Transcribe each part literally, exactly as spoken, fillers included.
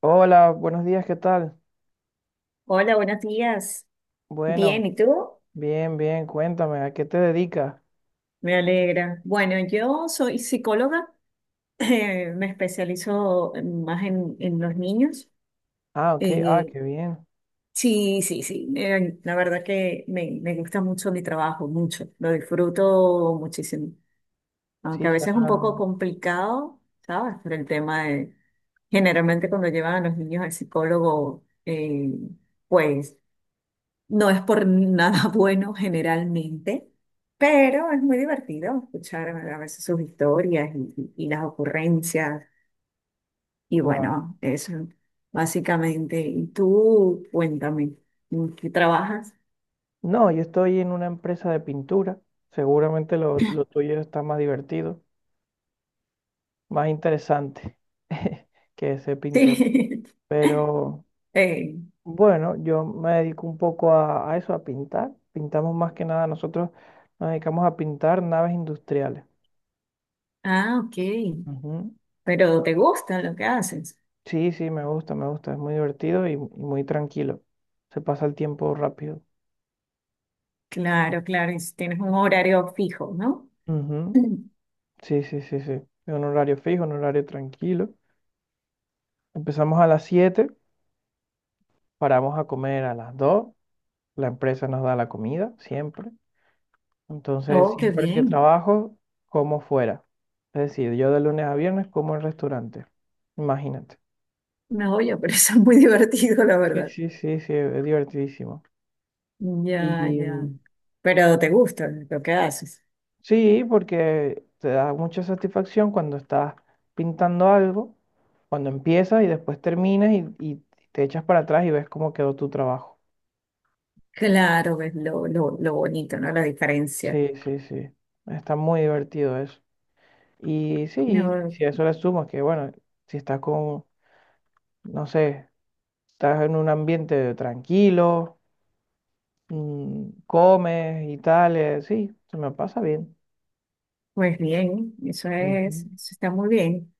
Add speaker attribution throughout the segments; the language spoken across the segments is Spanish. Speaker 1: Hola, buenos días, ¿qué tal?
Speaker 2: Hola, buenos días. Bien,
Speaker 1: Bueno,
Speaker 2: ¿y tú?
Speaker 1: bien, bien, cuéntame, ¿a qué te dedicas?
Speaker 2: Me alegra. Bueno, yo soy psicóloga, eh, me especializo más en, en los niños.
Speaker 1: Ah, ok, ah,
Speaker 2: Eh,
Speaker 1: qué bien.
Speaker 2: sí, sí, sí. eh, la verdad que me, me gusta mucho mi trabajo, mucho. Lo disfruto muchísimo. Aunque
Speaker 1: Sí,
Speaker 2: a veces es un
Speaker 1: suena
Speaker 2: poco complicado, ¿sabes? Por el tema de, generalmente cuando llevan a los niños al psicólogo, eh, pues no es por nada, bueno, generalmente, pero es muy divertido escuchar a veces sus historias y, y las ocurrencias. Y
Speaker 1: claro.
Speaker 2: bueno, eso básicamente. Y tú, cuéntame, ¿en qué trabajas?
Speaker 1: No, yo estoy en una empresa de pintura. Seguramente lo, lo tuyo está más divertido, más interesante que ser pintor.
Speaker 2: Sí.
Speaker 1: Pero
Speaker 2: Eh,
Speaker 1: bueno, yo me dedico un poco a, a eso, a pintar. Pintamos más que nada, nosotros nos dedicamos a pintar naves industriales.
Speaker 2: ah, ok.
Speaker 1: Ujú.
Speaker 2: Pero te gusta lo que haces.
Speaker 1: Sí, sí, me gusta, me gusta. Es muy divertido y, y muy tranquilo. Se pasa el tiempo rápido.
Speaker 2: Claro, claro. Y si tienes un horario fijo, ¿no?
Speaker 1: Ujú. Sí, sí, sí, sí. Es un horario fijo, un horario tranquilo. Empezamos a las siete, paramos a comer a las dos. La empresa nos da la comida, siempre. Entonces,
Speaker 2: Oh, qué
Speaker 1: siempre que
Speaker 2: bien.
Speaker 1: trabajo, como fuera. Es decir, yo de lunes a viernes como en restaurante. Imagínate.
Speaker 2: No, oye, pero eso es muy divertido, la
Speaker 1: Sí,
Speaker 2: verdad.
Speaker 1: sí, sí, sí, es divertidísimo.
Speaker 2: Ya,
Speaker 1: Y,
Speaker 2: ya.
Speaker 1: mm,
Speaker 2: Pero te gusta lo que haces.
Speaker 1: sí, porque te da mucha satisfacción cuando estás pintando algo, cuando empiezas y después terminas y, y te echas para atrás y ves cómo quedó tu trabajo.
Speaker 2: Claro, ves lo, lo, lo bonito, ¿no? La diferencia.
Speaker 1: Sí, sí, sí. Está muy divertido eso. Y sí,
Speaker 2: No,
Speaker 1: si a eso le sumas que, bueno, si estás con, no sé, estás en un ambiente tranquilo, mm, comes y tal, eh, sí, se me pasa bien.
Speaker 2: pues bien, eso es,
Speaker 1: Ujú.
Speaker 2: eso está muy bien.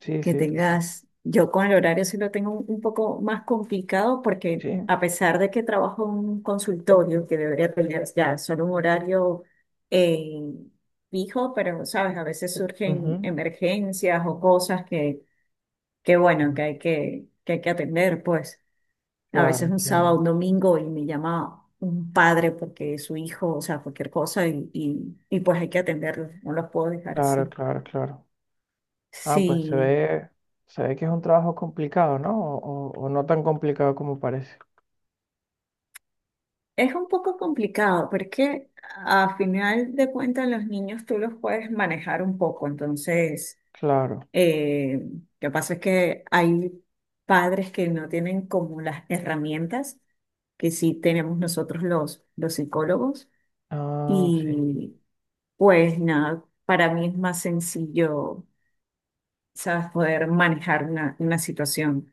Speaker 1: Sí,
Speaker 2: Que
Speaker 1: sí, total.
Speaker 2: tengas, yo con el horario sí lo tengo un, un poco más complicado porque
Speaker 1: Sí,
Speaker 2: a pesar de que trabajo en un consultorio que debería tener ya solo un horario eh, fijo, pero sabes, a veces surgen
Speaker 1: ujú,
Speaker 2: emergencias o cosas que, que bueno, que hay que, que hay que atender, pues. A
Speaker 1: claro,
Speaker 2: veces un sábado,
Speaker 1: entiendo.
Speaker 2: un domingo y me llama un padre porque su hijo, o sea, cualquier cosa y, y, y pues hay que atenderlos, no los puedo dejar
Speaker 1: Claro,
Speaker 2: así.
Speaker 1: claro, claro. Ah, pues se
Speaker 2: Sí,
Speaker 1: ve, se ve que es un trabajo complicado, ¿no? O, o- o no tan complicado como parece.
Speaker 2: es un poco complicado, pero es que a final de cuentas los niños tú los puedes manejar un poco, entonces
Speaker 1: Claro.
Speaker 2: eh, lo que pasa es que hay padres que no tienen como las herramientas que sí tenemos nosotros los, los psicólogos.
Speaker 1: Ah, sí.
Speaker 2: Y pues nada, para mí es más sencillo, sabes, poder manejar una, una situación.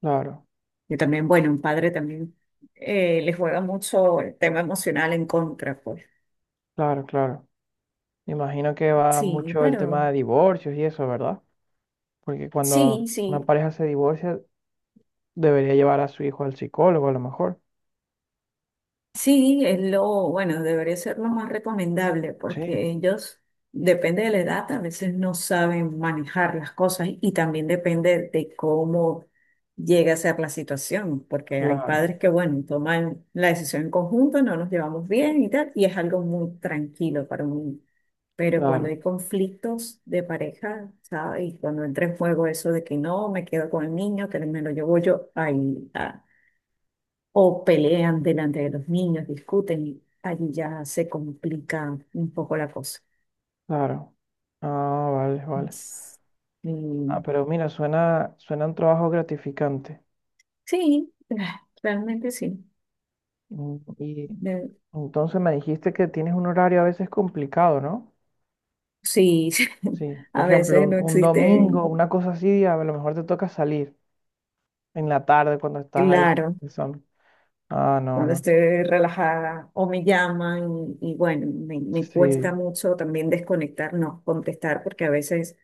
Speaker 1: Claro,
Speaker 2: Yo también, bueno, un padre también eh, le juega mucho el tema emocional en contra, pues.
Speaker 1: claro, claro. Imagino que va
Speaker 2: Sí,
Speaker 1: mucho el tema
Speaker 2: pero
Speaker 1: de divorcios y eso, ¿verdad? Porque
Speaker 2: sí,
Speaker 1: cuando una
Speaker 2: sí.
Speaker 1: pareja se divorcia, debería llevar a su hijo al psicólogo a lo mejor.
Speaker 2: Sí, es lo, bueno, debería ser lo más recomendable
Speaker 1: Sí,
Speaker 2: porque ellos, depende de la edad, a veces no saben manejar las cosas y también depende de cómo llega a ser la situación, porque hay
Speaker 1: claro,
Speaker 2: padres que, bueno, toman la decisión en conjunto, no nos llevamos bien y tal, y es algo muy tranquilo para un niño. Pero cuando
Speaker 1: claro,
Speaker 2: hay conflictos de pareja, ¿sabes? Y cuando entra en juego eso de que no, me quedo con el niño, que me lo llevo yo, ahí, o pelean delante de los niños, discuten y allí ya se complica un poco la cosa.
Speaker 1: claro. Ah, vale, vale.
Speaker 2: Es-
Speaker 1: Ah,
Speaker 2: mm,
Speaker 1: pero mira, suena, suena un trabajo gratificante.
Speaker 2: sí, ah, realmente sí.
Speaker 1: Mm, Y
Speaker 2: De-
Speaker 1: entonces me dijiste que tienes un horario a veces complicado, ¿no?
Speaker 2: sí,
Speaker 1: Sí, por
Speaker 2: a
Speaker 1: ejemplo,
Speaker 2: veces
Speaker 1: un,
Speaker 2: no
Speaker 1: un domingo,
Speaker 2: existen,
Speaker 1: una cosa así, a lo mejor te toca salir en la tarde cuando estás ahí.
Speaker 2: claro,
Speaker 1: El sol. Ah, no,
Speaker 2: cuando
Speaker 1: no.
Speaker 2: estoy relajada o me llaman y, y bueno, me, me cuesta
Speaker 1: Sí,
Speaker 2: mucho también desconectar, no contestar, porque a veces,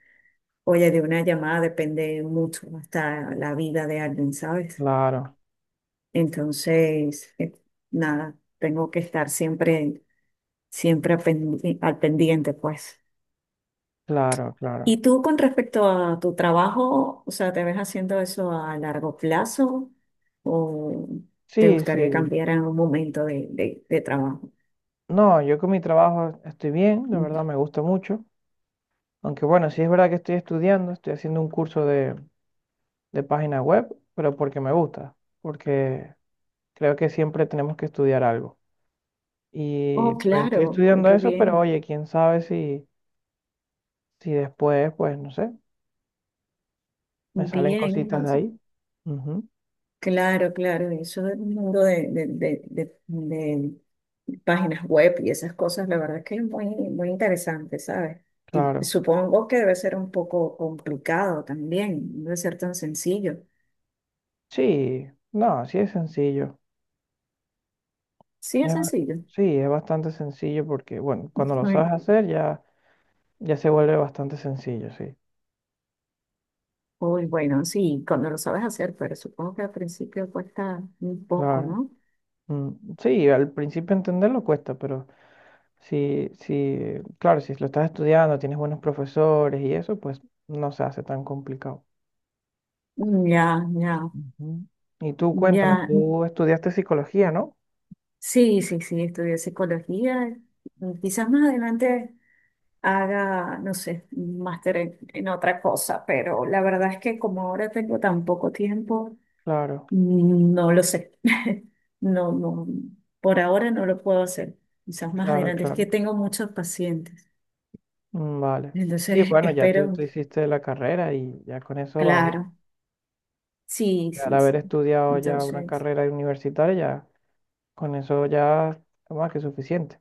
Speaker 2: oye, de una llamada depende mucho hasta la vida de alguien, ¿sabes?
Speaker 1: claro,
Speaker 2: Entonces, eh, nada, tengo que estar siempre, siempre al pendi- al pendiente, pues.
Speaker 1: claro,
Speaker 2: ¿Y
Speaker 1: claro.
Speaker 2: tú con respecto a tu trabajo, o sea, te ves haciendo eso a largo plazo o te
Speaker 1: Sí,
Speaker 2: gustaría
Speaker 1: sí.
Speaker 2: cambiar en algún momento de, de- de trabajo?
Speaker 1: No, yo con mi trabajo estoy bien, la
Speaker 2: Mm.
Speaker 1: verdad me gusta mucho. Aunque bueno, sí es verdad que estoy estudiando, estoy haciendo un curso de, de página web, pero porque me gusta, porque creo que siempre tenemos que estudiar algo. Y
Speaker 2: Oh,
Speaker 1: pues estoy
Speaker 2: claro,
Speaker 1: estudiando
Speaker 2: qué
Speaker 1: eso, pero
Speaker 2: bien,
Speaker 1: oye, quién sabe si, si después, pues no sé. Me salen
Speaker 2: bien.
Speaker 1: cositas de ahí. Ujú,
Speaker 2: Claro, claro, y eso del mundo de, de, de, de- de páginas web y esas cosas, la verdad es que es muy, muy interesante, ¿sabes? Y
Speaker 1: claro.
Speaker 2: supongo que debe ser un poco complicado también, no debe ser tan sencillo.
Speaker 1: Sí, no, sí es sencillo.
Speaker 2: Sí, es
Speaker 1: Es ba-
Speaker 2: sencillo.
Speaker 1: sí, es bastante sencillo porque, bueno, cuando lo sabes
Speaker 2: Uy,
Speaker 1: hacer ya, ya se vuelve bastante sencillo, sí.
Speaker 2: uy, bueno, sí, cuando lo sabes hacer, pero supongo que al principio cuesta un poco,
Speaker 1: Claro.
Speaker 2: ¿no?
Speaker 1: Mm, sí, al principio entenderlo cuesta, pero si, si, claro, si lo estás estudiando, tienes buenos profesores y eso, pues no se hace tan complicado.
Speaker 2: Mm, ya, ya,
Speaker 1: Ujú. Y tú cuéntame,
Speaker 2: ya. Ujú.
Speaker 1: tú estudiaste psicología, ¿no?
Speaker 2: Sí, sí, sí, estudié psicología. Quizás más adelante haga, no sé, un máster en, en otra cosa, pero la verdad es que como ahora tengo tan poco tiempo,
Speaker 1: Claro,
Speaker 2: mm, no lo sé. No, no, por ahora no lo puedo hacer. Quizás más
Speaker 1: claro,
Speaker 2: adelante, es que
Speaker 1: claro.
Speaker 2: tengo muchos pacientes.
Speaker 1: Mm, vale. Sí,
Speaker 2: Entonces,
Speaker 1: bueno, ya tú,
Speaker 2: espero,
Speaker 1: tú hiciste la carrera y ya con eso va bien.
Speaker 2: claro. Sí,
Speaker 1: Ya al
Speaker 2: sí,
Speaker 1: haber
Speaker 2: sí.
Speaker 1: estudiado ya una
Speaker 2: Entonces,
Speaker 1: carrera universitaria, ya con eso ya es más que suficiente.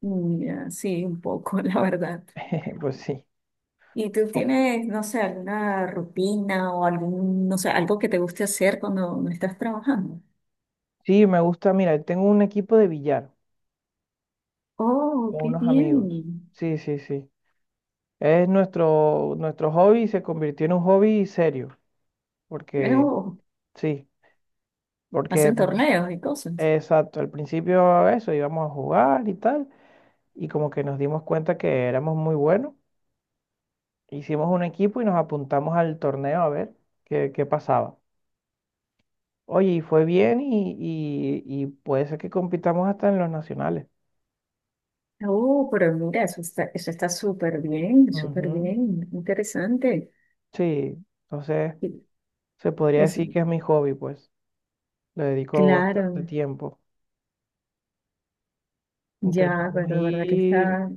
Speaker 2: mm, ya, sí, un poco, la verdad.
Speaker 1: Pues sí.
Speaker 2: ¿Y tú
Speaker 1: Oh,
Speaker 2: tienes, no sé, alguna rutina o algún, no sé, algo que te guste hacer cuando no estás trabajando?
Speaker 1: sí, me gusta, mira, tengo un equipo de billar
Speaker 2: Oh,
Speaker 1: con
Speaker 2: qué
Speaker 1: unos amigos.
Speaker 2: bien.
Speaker 1: Sí, sí, sí. Es nuestro, nuestro hobby se convirtió en un hobby serio. Porque,
Speaker 2: Uh,
Speaker 1: sí, porque,
Speaker 2: hacen
Speaker 1: mm,
Speaker 2: torneos y cosas.
Speaker 1: exacto, al principio eso, íbamos a jugar y tal, y como que nos dimos cuenta que éramos muy buenos. Hicimos un equipo y nos apuntamos al torneo a ver qué, qué pasaba. Oye, y fue bien y, y- y puede ser que compitamos hasta en los nacionales.
Speaker 2: Oh, pero mira, eso está, eso está súper bien, súper
Speaker 1: Ujú.
Speaker 2: bien, interesante.
Speaker 1: Sí, entonces
Speaker 2: Y-
Speaker 1: se podría
Speaker 2: es,
Speaker 1: decir que es mi hobby, pues. Le dedico
Speaker 2: claro,
Speaker 1: bastante tiempo.
Speaker 2: ya,
Speaker 1: Intentamos
Speaker 2: pero de verdad que
Speaker 1: ir
Speaker 2: está,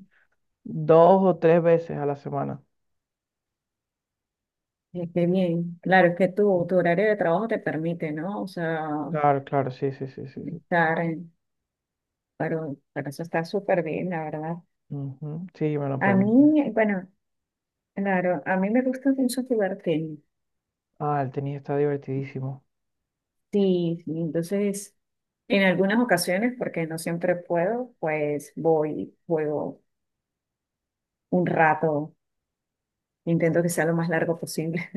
Speaker 1: dos o tres veces a la semana.
Speaker 2: eh, qué bien. Claro, es que tu,
Speaker 1: Mm.
Speaker 2: tu horario de trabajo te permite, ¿no? O sea,
Speaker 1: Claro, claro, sí, sí, sí, sí, sí.
Speaker 2: estar, en- pero, pero eso está súper bien, la verdad.
Speaker 1: Ujú. Sí, me lo
Speaker 2: A
Speaker 1: permite.
Speaker 2: mí, bueno, claro, a mí me gusta mucho jugar tenis.
Speaker 1: Ah, el tenis está divertidísimo.
Speaker 2: Sí, sí, entonces, en algunas ocasiones, porque no siempre puedo, pues voy, juego un rato. Intento que sea lo más largo posible,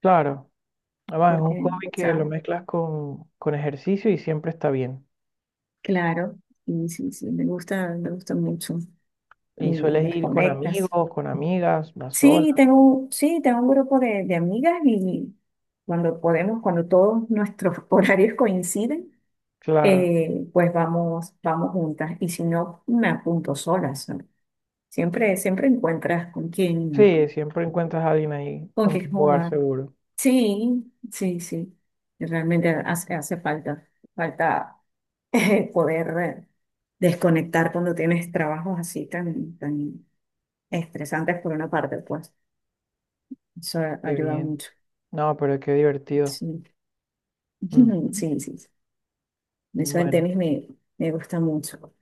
Speaker 1: Claro. Además, es un
Speaker 2: porque, o
Speaker 1: hobby que lo
Speaker 2: sea,
Speaker 1: mezclas con, con ejercicio y siempre está bien.
Speaker 2: claro, y sí, sí, me gusta, me gusta mucho.
Speaker 1: Y
Speaker 2: Y
Speaker 1: sueles ir con
Speaker 2: desconectas.
Speaker 1: amigos, con amigas, vas sola.
Speaker 2: Sí, tengo, sí, tengo un grupo de, de amigas y cuando podemos, cuando todos nuestros horarios coinciden,
Speaker 1: Claro.
Speaker 2: eh, pues vamos, vamos juntas. Y si no, me apunto solas. ¿No? Siempre, siempre encuentras con quién,
Speaker 1: Sí, siempre encuentras a alguien ahí
Speaker 2: con
Speaker 1: con
Speaker 2: quién
Speaker 1: quien jugar
Speaker 2: jugar.
Speaker 1: seguro.
Speaker 2: Sí, sí, sí. Realmente hace, hace falta, falta poder eh, desconectar cuando tienes trabajos así tan, tan estresantes por una parte, pues eso
Speaker 1: Qué
Speaker 2: ayuda
Speaker 1: bien.
Speaker 2: mucho.
Speaker 1: No, pero qué divertido.
Speaker 2: Sí,
Speaker 1: Ujú.
Speaker 2: sí, sí, sí. Eso del
Speaker 1: Bueno,
Speaker 2: tenis me, me gusta mucho.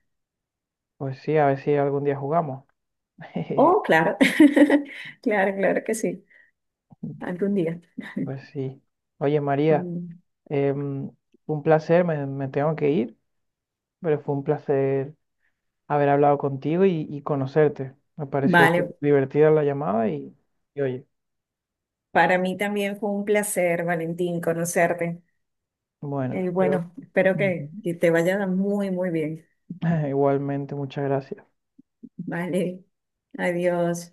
Speaker 1: pues sí, a ver si algún día jugamos.
Speaker 2: Oh, claro, claro, claro que sí, algún día.
Speaker 1: Pues sí. Oye, María,
Speaker 2: Mm,
Speaker 1: em, un placer, me, me tengo que ir, pero fue un placer haber hablado contigo y, y conocerte. Me pareció súper
Speaker 2: vale,
Speaker 1: divertida la llamada y, y oye.
Speaker 2: para mí también fue un placer, Valentín, conocerte.
Speaker 1: Bueno,
Speaker 2: Eh,
Speaker 1: pero
Speaker 2: bueno, espero que,
Speaker 1: ujú,
Speaker 2: que te vaya muy, muy bien.
Speaker 1: igualmente, muchas gracias.
Speaker 2: Vale, adiós.